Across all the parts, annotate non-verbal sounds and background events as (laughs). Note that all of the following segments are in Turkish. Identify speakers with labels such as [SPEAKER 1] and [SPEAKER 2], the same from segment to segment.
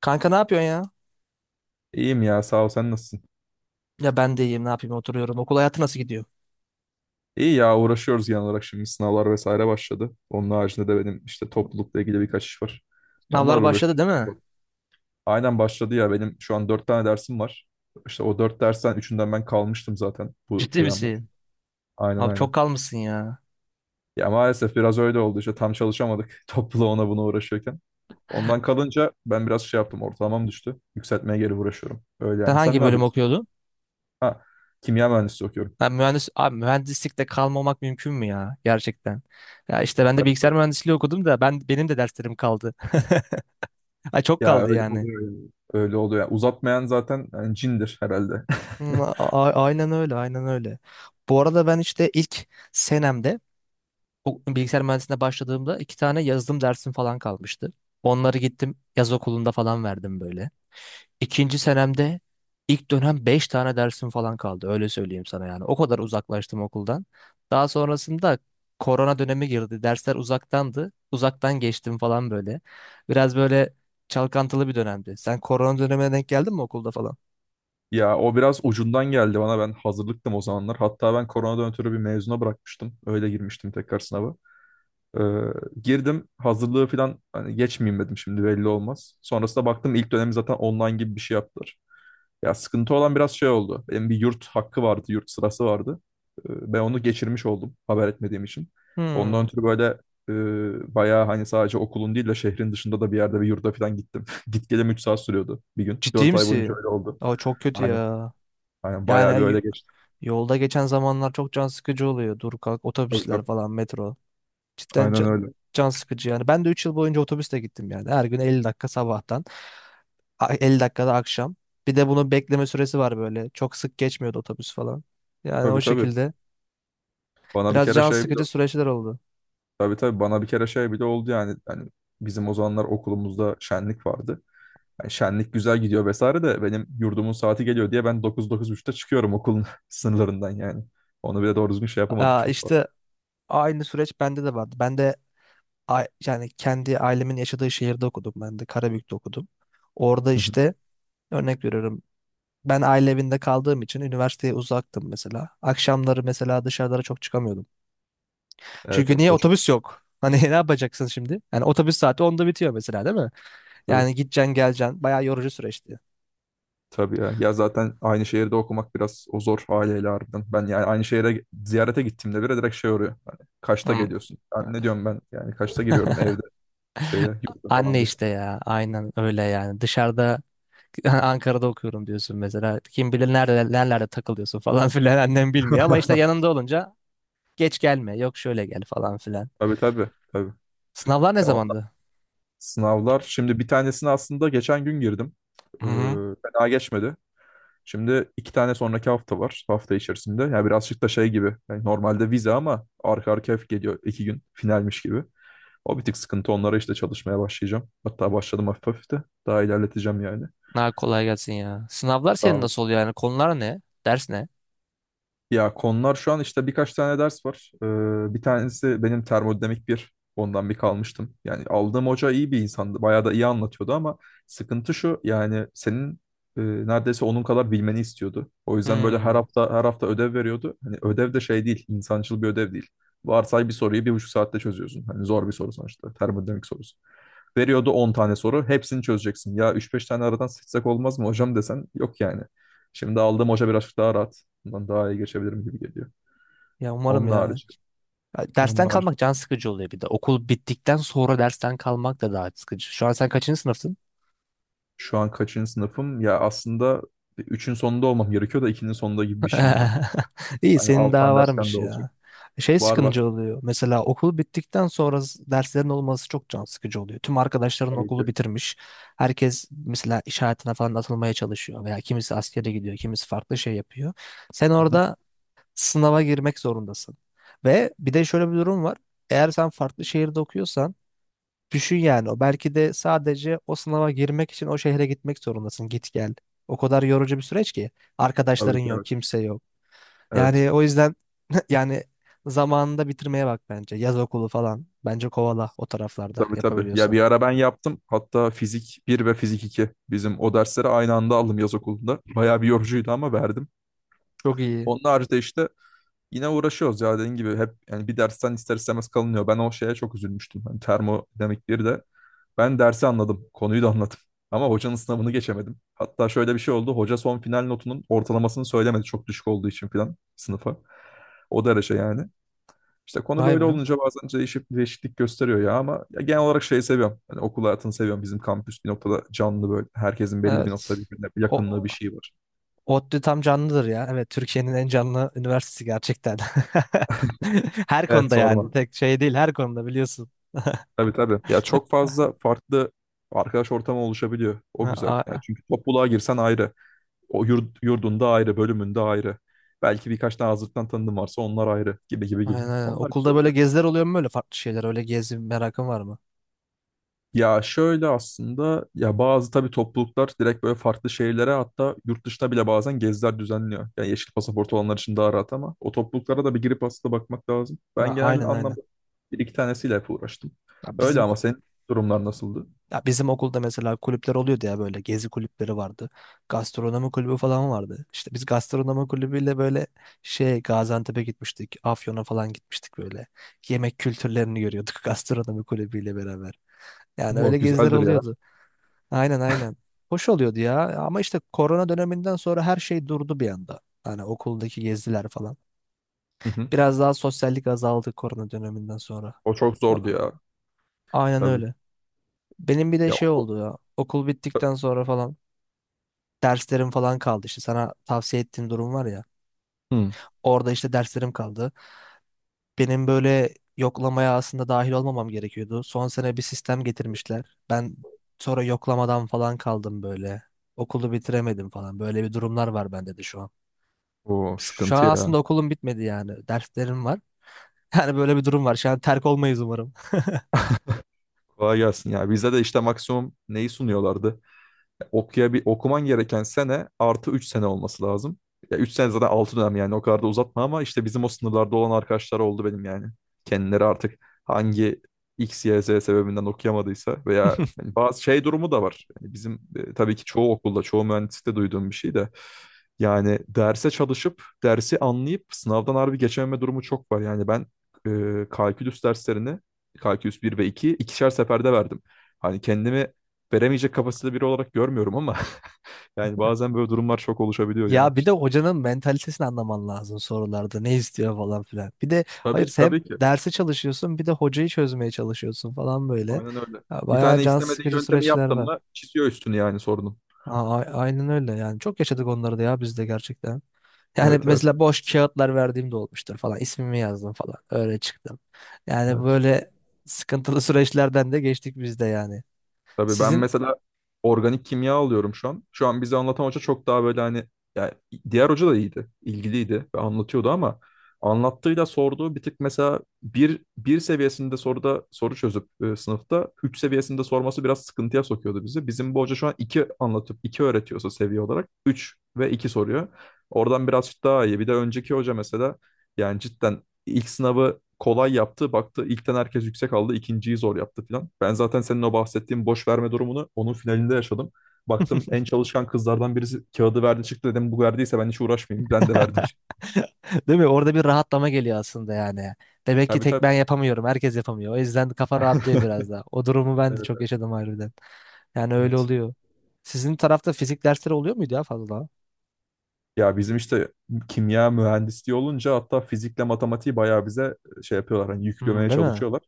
[SPEAKER 1] Kanka ne yapıyorsun ya?
[SPEAKER 2] İyiyim ya, sağ ol, sen nasılsın?
[SPEAKER 1] Ya ben de iyiyim ne yapayım oturuyorum. Okul hayatı nasıl gidiyor?
[SPEAKER 2] İyi ya, uğraşıyoruz genel olarak. Şimdi sınavlar vesaire başladı. Onun haricinde de benim işte toplulukla ilgili birkaç iş var. Onlar
[SPEAKER 1] Sınavlar başladı
[SPEAKER 2] uğraşıyorum.
[SPEAKER 1] değil mi?
[SPEAKER 2] Aynen, başladı ya, benim şu an dört tane dersim var. İşte o dört dersten üçünden ben kalmıştım zaten bu
[SPEAKER 1] Ciddi
[SPEAKER 2] dönem.
[SPEAKER 1] misin?
[SPEAKER 2] Aynen,
[SPEAKER 1] Abi çok
[SPEAKER 2] aynen.
[SPEAKER 1] kalmışsın ya.
[SPEAKER 2] Ya maalesef biraz öyle oldu işte, tam çalışamadık (laughs) topluluğa, ona buna uğraşıyorken. Ondan kalınca ben biraz şey yaptım, ortalamam düştü. Yükseltmeye geri uğraşıyorum. Öyle
[SPEAKER 1] Sen
[SPEAKER 2] yani, sen
[SPEAKER 1] hangi
[SPEAKER 2] ne
[SPEAKER 1] bölüm
[SPEAKER 2] yapıyorsun?
[SPEAKER 1] okuyordun?
[SPEAKER 2] Ha, kimya mühendisliği okuyorum.
[SPEAKER 1] Ben mühendis abi mühendislikte kalmamak mümkün mü ya gerçekten? Ya işte ben de
[SPEAKER 2] Tabii,
[SPEAKER 1] bilgisayar
[SPEAKER 2] tabii.
[SPEAKER 1] mühendisliği okudum da benim de derslerim kaldı. (laughs) Ay çok
[SPEAKER 2] Ya
[SPEAKER 1] kaldı
[SPEAKER 2] öyle
[SPEAKER 1] yani.
[SPEAKER 2] oluyor yani. Öyle oluyor. Yani uzatmayan zaten yani cindir herhalde. (laughs)
[SPEAKER 1] Aynen öyle, aynen öyle. Bu arada ben işte ilk senemde o bilgisayar mühendisliğine başladığımda iki tane yazılım dersim falan kalmıştı. Onları gittim yaz okulunda falan verdim böyle. İkinci senemde ilk dönem 5 tane dersim falan kaldı. Öyle söyleyeyim sana yani. O kadar uzaklaştım okuldan. Daha sonrasında korona dönemi girdi. Dersler uzaktandı. Uzaktan geçtim falan böyle. Biraz böyle çalkantılı bir dönemdi. Sen korona dönemine denk geldin mi okulda falan?
[SPEAKER 2] Ya o biraz ucundan geldi bana. Ben hazırlıktım o zamanlar. Hatta ben koronadan ötürü bir mezuna bırakmıştım. Öyle girmiştim tekrar sınava. Ee, girdim hazırlığı falan, hani geçmeyeyim dedim, şimdi belli olmaz. Sonrasında baktım ilk dönemi zaten online gibi bir şey yaptılar. Ya sıkıntı olan biraz şey oldu. Benim bir yurt hakkı vardı, yurt sırası vardı. Ben onu geçirmiş oldum, haber etmediğim için. Ondan
[SPEAKER 1] Hmm.
[SPEAKER 2] ötürü böyle bayağı, hani sadece okulun değil de şehrin dışında da bir yerde, bir yurda falan gittim. (laughs) Git gelem 3 saat sürüyordu bir gün.
[SPEAKER 1] Ciddi
[SPEAKER 2] Dört ay boyunca
[SPEAKER 1] misin?
[SPEAKER 2] öyle oldu.
[SPEAKER 1] Aa, çok kötü
[SPEAKER 2] Aynen.
[SPEAKER 1] ya.
[SPEAKER 2] Aynen, bayağı bir
[SPEAKER 1] Yani yo-
[SPEAKER 2] öyle geçti.
[SPEAKER 1] Yolda geçen zamanlar çok can sıkıcı oluyor. Dur kalk
[SPEAKER 2] Tabii,
[SPEAKER 1] otobüsler
[SPEAKER 2] tabii.
[SPEAKER 1] falan metro. Cidden
[SPEAKER 2] Aynen
[SPEAKER 1] can,
[SPEAKER 2] öyle.
[SPEAKER 1] can sıkıcı yani. Ben de 3 yıl boyunca otobüsle gittim yani. Her gün 50 dakika sabahtan. 50 dakikada akşam. Bir de bunun bekleme süresi var böyle. Çok sık geçmiyordu otobüs falan. Yani
[SPEAKER 2] Tabii,
[SPEAKER 1] o
[SPEAKER 2] tabii.
[SPEAKER 1] şekilde.
[SPEAKER 2] Bana bir
[SPEAKER 1] Biraz
[SPEAKER 2] kere
[SPEAKER 1] can
[SPEAKER 2] şey bile
[SPEAKER 1] sıkıcı süreçler oldu.
[SPEAKER 2] tabii, tabii, bana bir kere şey bile oldu yani. Yani bizim o zamanlar okulumuzda şenlik vardı. Yani şenlik güzel gidiyor vesaire de, benim yurdumun saati geliyor diye ben dokuz dokuz 9.30'da çıkıyorum okulun (laughs) sınırlarından yani. Onu bile doğru düzgün şey yapamadık
[SPEAKER 1] Aa,
[SPEAKER 2] çok fazla.
[SPEAKER 1] işte aynı süreç bende de vardı. Yani kendi ailemin yaşadığı şehirde okudum. Ben de Karabük'te okudum. Orada
[SPEAKER 2] Hı hı.
[SPEAKER 1] işte örnek veriyorum. Ben aile evinde kaldığım için üniversiteye uzaktım mesela. Akşamları mesela dışarılara çok çıkamıyordum.
[SPEAKER 2] Evet,
[SPEAKER 1] Çünkü
[SPEAKER 2] evet,
[SPEAKER 1] niye
[SPEAKER 2] o çok
[SPEAKER 1] otobüs
[SPEAKER 2] sıkıntı
[SPEAKER 1] yok? Hani (laughs) ne yapacaksın şimdi? Yani otobüs saati onda bitiyor mesela değil mi?
[SPEAKER 2] tabii.
[SPEAKER 1] Yani gideceksin geleceksin. Bayağı yorucu süreçti.
[SPEAKER 2] Tabii ya. Ya zaten aynı şehirde okumak biraz o zor aileyle harbiden. Ben yani aynı şehire ziyarete gittiğimde bile direkt şey oluyor. Hani kaçta
[SPEAKER 1] Hmm.
[SPEAKER 2] geliyorsun? Yani ne diyorum ben? Yani kaçta giriyorum evde, şeye,
[SPEAKER 1] (laughs)
[SPEAKER 2] yurda falan
[SPEAKER 1] Anne
[SPEAKER 2] desin.
[SPEAKER 1] işte ya aynen öyle yani dışarıda (laughs) Ankara'da okuyorum diyorsun mesela kim bilir nerede nerelerde takılıyorsun falan (laughs) filan annem bilmiyor
[SPEAKER 2] (laughs)
[SPEAKER 1] ama işte yanında olunca geç gelme yok şöyle gel falan filan.
[SPEAKER 2] Tabii, tabii, tabii.
[SPEAKER 1] Sınavlar ne
[SPEAKER 2] Ya ondan-
[SPEAKER 1] zamandı?
[SPEAKER 2] sınavlar şimdi, bir tanesini aslında geçen gün girdim. Ee,
[SPEAKER 1] Hı hı.
[SPEAKER 2] fena geçmedi. Şimdi iki tane sonraki hafta var. Hafta içerisinde. Yani birazcık da şey gibi. Yani normalde vize ama arka arkaya geliyor iki gün, finalmiş gibi. O bir tık sıkıntı. Onlara işte çalışmaya başlayacağım. Hatta başladım hafif hafif de. Daha ilerleteceğim yani.
[SPEAKER 1] Ha, kolay gelsin ya. Sınavlar senin
[SPEAKER 2] Sağ
[SPEAKER 1] nasıl oluyor yani konular ne? Ders ne?
[SPEAKER 2] Ya konular şu an işte birkaç tane ders var. Bir tanesi benim termodinamik bir. Ondan bir kalmıştım. Yani aldığım hoca iyi bir insandı. Bayağı da iyi anlatıyordu ama sıkıntı şu yani, senin neredeyse onun kadar bilmeni istiyordu. O yüzden böyle her
[SPEAKER 1] Hmm.
[SPEAKER 2] hafta, her hafta ödev veriyordu. Hani ödev de şey değil, insancıl bir ödev değil. Varsay, bir soruyu bir buçuk saatte çözüyorsun. Hani zor bir soru sonuçta. Termodinamik sorusu. Veriyordu 10 tane soru. Hepsini çözeceksin. Ya üç beş tane aradan seçsek olmaz mı hocam desen, yok yani. Şimdi aldığım hoca birazcık daha rahat. Bundan daha iyi geçebilirim gibi geliyor.
[SPEAKER 1] Ya umarım
[SPEAKER 2] Onun
[SPEAKER 1] ya.
[SPEAKER 2] harici.
[SPEAKER 1] Ya dersten
[SPEAKER 2] Onlar
[SPEAKER 1] kalmak can sıkıcı oluyor bir de. Okul bittikten sonra dersten kalmak da daha sıkıcı. Şu an sen kaçıncı sınıfsın?
[SPEAKER 2] Şu an kaçıncı sınıfım? Ya aslında üçün sonunda olmam gerekiyor da 2'nin sonunda gibi bir şeyim ben.
[SPEAKER 1] (laughs) İyi
[SPEAKER 2] Hani
[SPEAKER 1] senin daha
[SPEAKER 2] alttan dersten de
[SPEAKER 1] varmış
[SPEAKER 2] olacak.
[SPEAKER 1] ya. Şey
[SPEAKER 2] Var, var.
[SPEAKER 1] sıkıcı oluyor. Mesela okul bittikten sonra s- derslerin olması çok can sıkıcı oluyor. Tüm arkadaşların
[SPEAKER 2] Tabii ki.
[SPEAKER 1] okulu bitirmiş. Herkes mesela iş hayatına falan atılmaya çalışıyor veya kimisi askere gidiyor, kimisi farklı şey yapıyor. Sen
[SPEAKER 2] Hı hı.
[SPEAKER 1] orada sınava girmek zorundasın. Ve bir de şöyle bir durum var. Eğer sen farklı şehirde okuyorsan düşün yani o belki de sadece o sınava girmek için o şehre gitmek zorundasın. Git gel. O kadar yorucu bir süreç ki.
[SPEAKER 2] Tabii
[SPEAKER 1] Arkadaşların
[SPEAKER 2] ki,
[SPEAKER 1] yok,
[SPEAKER 2] evet.
[SPEAKER 1] kimse yok.
[SPEAKER 2] Evet.
[SPEAKER 1] Yani o yüzden (laughs) yani zamanında bitirmeye bak bence. Yaz okulu falan. Bence kovala o taraflarda
[SPEAKER 2] Tabii, tabii. Ya
[SPEAKER 1] yapabiliyorsan.
[SPEAKER 2] bir ara ben yaptım. Hatta fizik bir ve fizik iki, bizim o dersleri aynı anda aldım yaz okulunda. Bayağı bir yorucuydu ama verdim.
[SPEAKER 1] Çok iyi.
[SPEAKER 2] Onun haricinde işte yine uğraşıyoruz ya, dediğin gibi hep yani, bir dersten ister istemez kalınıyor. Ben o şeye çok üzülmüştüm. Hani termodinamik bir de. Ben dersi anladım. Konuyu da anladım. (laughs) Ama hocanın sınavını geçemedim. Hatta şöyle bir şey oldu. Hoca son final notunun ortalamasını söylemedi. Çok düşük olduğu için falan sınıfa. O derece yani. İşte konu
[SPEAKER 1] Vay
[SPEAKER 2] böyle
[SPEAKER 1] be.
[SPEAKER 2] olunca bazen değişip değişiklik gösteriyor ya, ama ya genel olarak şeyi seviyorum. Hani okul hayatını seviyorum. Bizim kampüs bir noktada canlı böyle. Herkesin belli bir noktada
[SPEAKER 1] Evet.
[SPEAKER 2] birbirine bir
[SPEAKER 1] O,
[SPEAKER 2] yakınlığı,
[SPEAKER 1] o-
[SPEAKER 2] bir şeyi var.
[SPEAKER 1] ODTÜ tam canlıdır ya. Evet Türkiye'nin en canlı üniversitesi gerçekten. (laughs) Her
[SPEAKER 2] Evet,
[SPEAKER 1] konuda yani.
[SPEAKER 2] sorma.
[SPEAKER 1] Tek şey değil her konuda biliyorsun. (laughs)
[SPEAKER 2] Tabii, tabii. Ya çok fazla farklı arkadaş ortamı oluşabiliyor. O
[SPEAKER 1] Ha,
[SPEAKER 2] güzel. Yani,
[SPEAKER 1] a-
[SPEAKER 2] çünkü topluluğa girsen ayrı. O yurt, yurdunda ayrı, bölümünde ayrı. Belki birkaç tane hazırlıktan tanıdığın varsa onlar ayrı, gibi gibi gibi.
[SPEAKER 1] Aynen aynen.
[SPEAKER 2] Onlar güzel
[SPEAKER 1] Okulda böyle
[SPEAKER 2] oluyor.
[SPEAKER 1] geziler oluyor mu böyle farklı şeyler? Öyle gezi merakın var mı?
[SPEAKER 2] Ya şöyle, aslında ya bazı tabii topluluklar direkt böyle farklı şehirlere, hatta yurt dışına bile bazen geziler düzenliyor. Yani yeşil pasaport olanlar için daha rahat, ama o topluluklara da bir girip aslında bakmak lazım.
[SPEAKER 1] Ha,
[SPEAKER 2] Ben genel
[SPEAKER 1] aynen aynen.
[SPEAKER 2] anlamda bir iki tanesiyle hep uğraştım.
[SPEAKER 1] Ya
[SPEAKER 2] Öyle,
[SPEAKER 1] Bizim
[SPEAKER 2] ama senin durumlar nasıldı?
[SPEAKER 1] Ya bizim okulda mesela kulüpler oluyordu ya böyle gezi kulüpleri vardı. Gastronomi kulübü falan vardı. İşte biz gastronomi kulübüyle böyle şey Gaziantep'e gitmiştik. Afyon'a falan gitmiştik böyle. Yemek kültürlerini görüyorduk (laughs) gastronomi kulübüyle beraber. Yani
[SPEAKER 2] Oo,
[SPEAKER 1] öyle geziler
[SPEAKER 2] güzeldir ya.
[SPEAKER 1] oluyordu. Aynen aynen. Hoş oluyordu ya ama işte korona döneminden sonra her şey durdu bir anda. Hani okuldaki geziler falan.
[SPEAKER 2] Hı hı.
[SPEAKER 1] Biraz daha sosyallik azaldı korona döneminden sonra.
[SPEAKER 2] O çok zordu
[SPEAKER 1] A-
[SPEAKER 2] ya.
[SPEAKER 1] Aynen
[SPEAKER 2] Tabii.
[SPEAKER 1] öyle. Benim bir de
[SPEAKER 2] Ya
[SPEAKER 1] şey
[SPEAKER 2] okul.
[SPEAKER 1] oldu ya. Okul bittikten sonra falan derslerim falan kaldı işte sana tavsiye ettiğim durum var ya.
[SPEAKER 2] Hı.
[SPEAKER 1] Orada işte derslerim kaldı. Benim böyle yoklamaya aslında dahil olmamam gerekiyordu. Son sene bir sistem getirmişler. Ben sonra yoklamadan falan kaldım böyle. Okulu bitiremedim falan. Böyle bir durumlar var bende de şu an.
[SPEAKER 2] O
[SPEAKER 1] Şu
[SPEAKER 2] sıkıntı
[SPEAKER 1] an aslında
[SPEAKER 2] ya.
[SPEAKER 1] okulum bitmedi yani. Derslerim var. (laughs) Yani böyle bir durum var. Şu an terk olmayız umarım.
[SPEAKER 2] Kolay gelsin ya. Bizde de işte maksimum neyi sunuyorlardı? Okuya, okuman gereken sene artı 3 sene olması lazım. Ya 3 sene zaten 6 dönem, yani o kadar da uzatma, ama işte bizim o sınırlarda olan arkadaşlar oldu benim yani. Kendileri artık hangi X, Y, Z sebebinden okuyamadıysa veya
[SPEAKER 1] (laughs)
[SPEAKER 2] yani bazı şey durumu da var. Yani bizim tabii ki çoğu okulda, çoğu mühendislikte duyduğum bir şey de yani, derse çalışıp, dersi anlayıp sınavdan harbi geçememe durumu çok var. Yani ben kalkülüs derslerini, kalkülüs bir ve 2 ikişer seferde verdim. Hani kendimi veremeyecek kapasitede biri olarak görmüyorum ama (laughs) yani bazen böyle durumlar çok oluşabiliyor ya.
[SPEAKER 1] Ya bir de
[SPEAKER 2] İşte.
[SPEAKER 1] hocanın mentalitesini anlaman lazım sorularda. Ne istiyor falan filan. Bir de
[SPEAKER 2] Tabii
[SPEAKER 1] hayır
[SPEAKER 2] ki,
[SPEAKER 1] hem
[SPEAKER 2] tabii ki.
[SPEAKER 1] dersi çalışıyorsun bir de hocayı çözmeye çalışıyorsun falan böyle.
[SPEAKER 2] Aynen öyle.
[SPEAKER 1] Ya
[SPEAKER 2] Bir
[SPEAKER 1] bayağı
[SPEAKER 2] tane
[SPEAKER 1] can
[SPEAKER 2] istemediği
[SPEAKER 1] sıkıcı
[SPEAKER 2] yöntemi
[SPEAKER 1] süreçler
[SPEAKER 2] yaptın
[SPEAKER 1] var.
[SPEAKER 2] mı, çiziyor üstünü yani sorunun.
[SPEAKER 1] Aynen öyle yani. Çok yaşadık onları da ya biz de gerçekten. Yani
[SPEAKER 2] Evet, evet.
[SPEAKER 1] mesela boş kağıtlar verdiğim de olmuştur falan. İsmimi yazdım falan. Öyle çıktım. Yani
[SPEAKER 2] Evet.
[SPEAKER 1] böyle sıkıntılı (laughs) süreçlerden de geçtik biz de yani.
[SPEAKER 2] Tabii, ben
[SPEAKER 1] Sizin
[SPEAKER 2] mesela organik kimya alıyorum şu an. Şu an bize anlatan hoca çok daha böyle, hani yani, diğer hoca da iyiydi, ilgiliydi ve anlatıyordu, ama anlattığıyla sorduğu bir tık, mesela bir, bir seviyesinde soruda soru çözüp sınıfta üç seviyesinde sorması biraz sıkıntıya sokuyordu bizi. Bizim bu hoca şu an iki anlatıp iki öğretiyorsa seviye olarak üç ve iki soruyor. Oradan biraz daha iyi. Bir de önceki hoca mesela yani cidden İlk sınavı kolay yaptı. Baktı ilkten herkes yüksek aldı. İkinciyi zor yaptı filan. Ben zaten senin o bahsettiğin boş verme durumunu onun finalinde yaşadım. Baktım
[SPEAKER 1] (laughs)
[SPEAKER 2] en çalışkan kızlardan birisi kağıdı verdi çıktı, dedim bu verdiyse ben hiç uğraşmayayım. Ben de verdim,
[SPEAKER 1] (laughs)
[SPEAKER 2] çıktı.
[SPEAKER 1] değil mi? Orada bir rahatlama geliyor aslında yani. Demek ki
[SPEAKER 2] Tabii,
[SPEAKER 1] tek
[SPEAKER 2] tabii.
[SPEAKER 1] ben yapamıyorum. Herkes yapamıyor. O yüzden kafa rahatlıyor biraz
[SPEAKER 2] (laughs)
[SPEAKER 1] da. O durumu ben de
[SPEAKER 2] Evet,
[SPEAKER 1] çok yaşadım harbiden. Yani öyle
[SPEAKER 2] evet.
[SPEAKER 1] oluyor. Sizin tarafta fizik dersleri oluyor muydu ya fazla?
[SPEAKER 2] Ya bizim işte kimya mühendisliği olunca, hatta fizikle matematiği bayağı bize şey yapıyorlar, hani
[SPEAKER 1] Hmm,
[SPEAKER 2] yüklemeye
[SPEAKER 1] değil mi?
[SPEAKER 2] çalışıyorlar.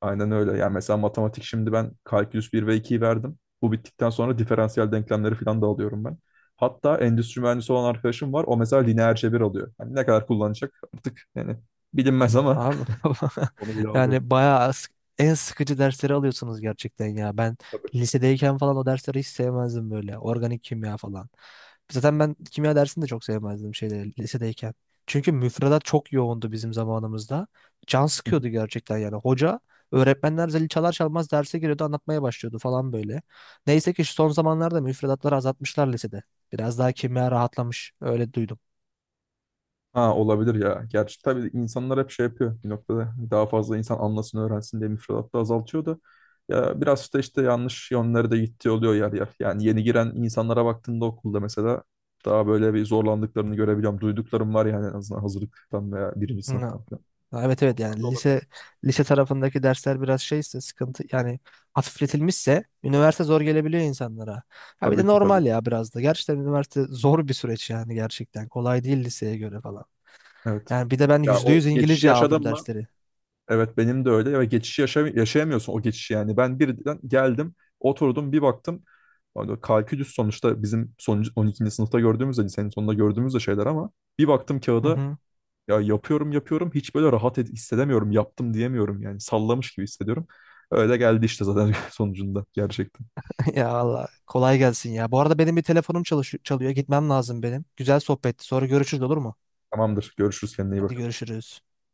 [SPEAKER 2] Aynen öyle. Yani mesela matematik, şimdi ben kalkülüs bir ve ikiyi verdim. Bu bittikten sonra diferansiyel denklemleri falan da alıyorum ben. Hatta endüstri mühendisi olan arkadaşım var. O mesela lineer cebir alıyor. Hani ne kadar kullanacak artık yani, bilinmez ama
[SPEAKER 1] Abi (laughs)
[SPEAKER 2] (laughs) onu bile alıyor.
[SPEAKER 1] yani bayağı sık- en sıkıcı dersleri alıyorsunuz gerçekten ya. Ben
[SPEAKER 2] Tabii.
[SPEAKER 1] lisedeyken falan o dersleri hiç sevmezdim böyle. Organik kimya falan. Zaten ben kimya dersini de çok sevmezdim şeyde lisedeyken. Çünkü müfredat çok yoğundu bizim zamanımızda. Can sıkıyordu gerçekten yani. Öğretmenler zili çalar çalmaz derse giriyordu anlatmaya başlıyordu falan böyle. Neyse ki şu son zamanlarda müfredatları azaltmışlar lisede. Biraz daha kimya rahatlamış öyle duydum.
[SPEAKER 2] Ha, olabilir ya. Gerçi tabii insanlar hep şey yapıyor bir noktada. Daha fazla insan anlasın, öğrensin diye müfredatta azaltıyor da, ya biraz da işte yanlış yönlere de gittiği oluyor yer yer. Yani yeni giren insanlara baktığında okulda mesela daha böyle bir zorlandıklarını görebiliyorum. Duyduklarım var yani, en azından hazırlıktan veya birinci sınıftan falan.
[SPEAKER 1] Ha, evet evet yani lise
[SPEAKER 2] Olabilir.
[SPEAKER 1] lise tarafındaki dersler biraz şeyse sıkıntı yani hafifletilmişse üniversite zor gelebiliyor insanlara. Ha bir de
[SPEAKER 2] Tabii ki, tabii.
[SPEAKER 1] normal ya biraz da. Gerçekten üniversite zor bir süreç yani gerçekten. Kolay değil liseye göre falan.
[SPEAKER 2] Evet.
[SPEAKER 1] Yani bir de ben
[SPEAKER 2] Ya
[SPEAKER 1] yüzde
[SPEAKER 2] o
[SPEAKER 1] yüz
[SPEAKER 2] geçişi
[SPEAKER 1] İngilizce
[SPEAKER 2] yaşadın
[SPEAKER 1] aldım
[SPEAKER 2] mı?
[SPEAKER 1] dersleri.
[SPEAKER 2] Evet, benim de öyle ve geçişi yaşayamıyorsun o geçişi yani. Ben birden geldim, oturdum bir baktım. Hani kalkülüs sonuçta bizim son on ikinci sınıfta gördüğümüz de, lisenin sonunda gördüğümüz de şeyler, ama bir baktım
[SPEAKER 1] Hı
[SPEAKER 2] kağıda,
[SPEAKER 1] hı.
[SPEAKER 2] ya yapıyorum yapıyorum hiç böyle rahat hissedemiyorum, yaptım diyemiyorum yani, sallamış gibi hissediyorum. Öyle geldi işte zaten (laughs) sonucunda gerçekten.
[SPEAKER 1] (laughs) Ya Allah kolay gelsin ya. Bu arada benim bir telefonum çalıyor. Gitmem lazım benim. Güzel sohbetti. Sonra görüşürüz olur mu?
[SPEAKER 2] Tamamdır, görüşürüz, kendine iyi
[SPEAKER 1] Hadi
[SPEAKER 2] bak.
[SPEAKER 1] görüşürüz.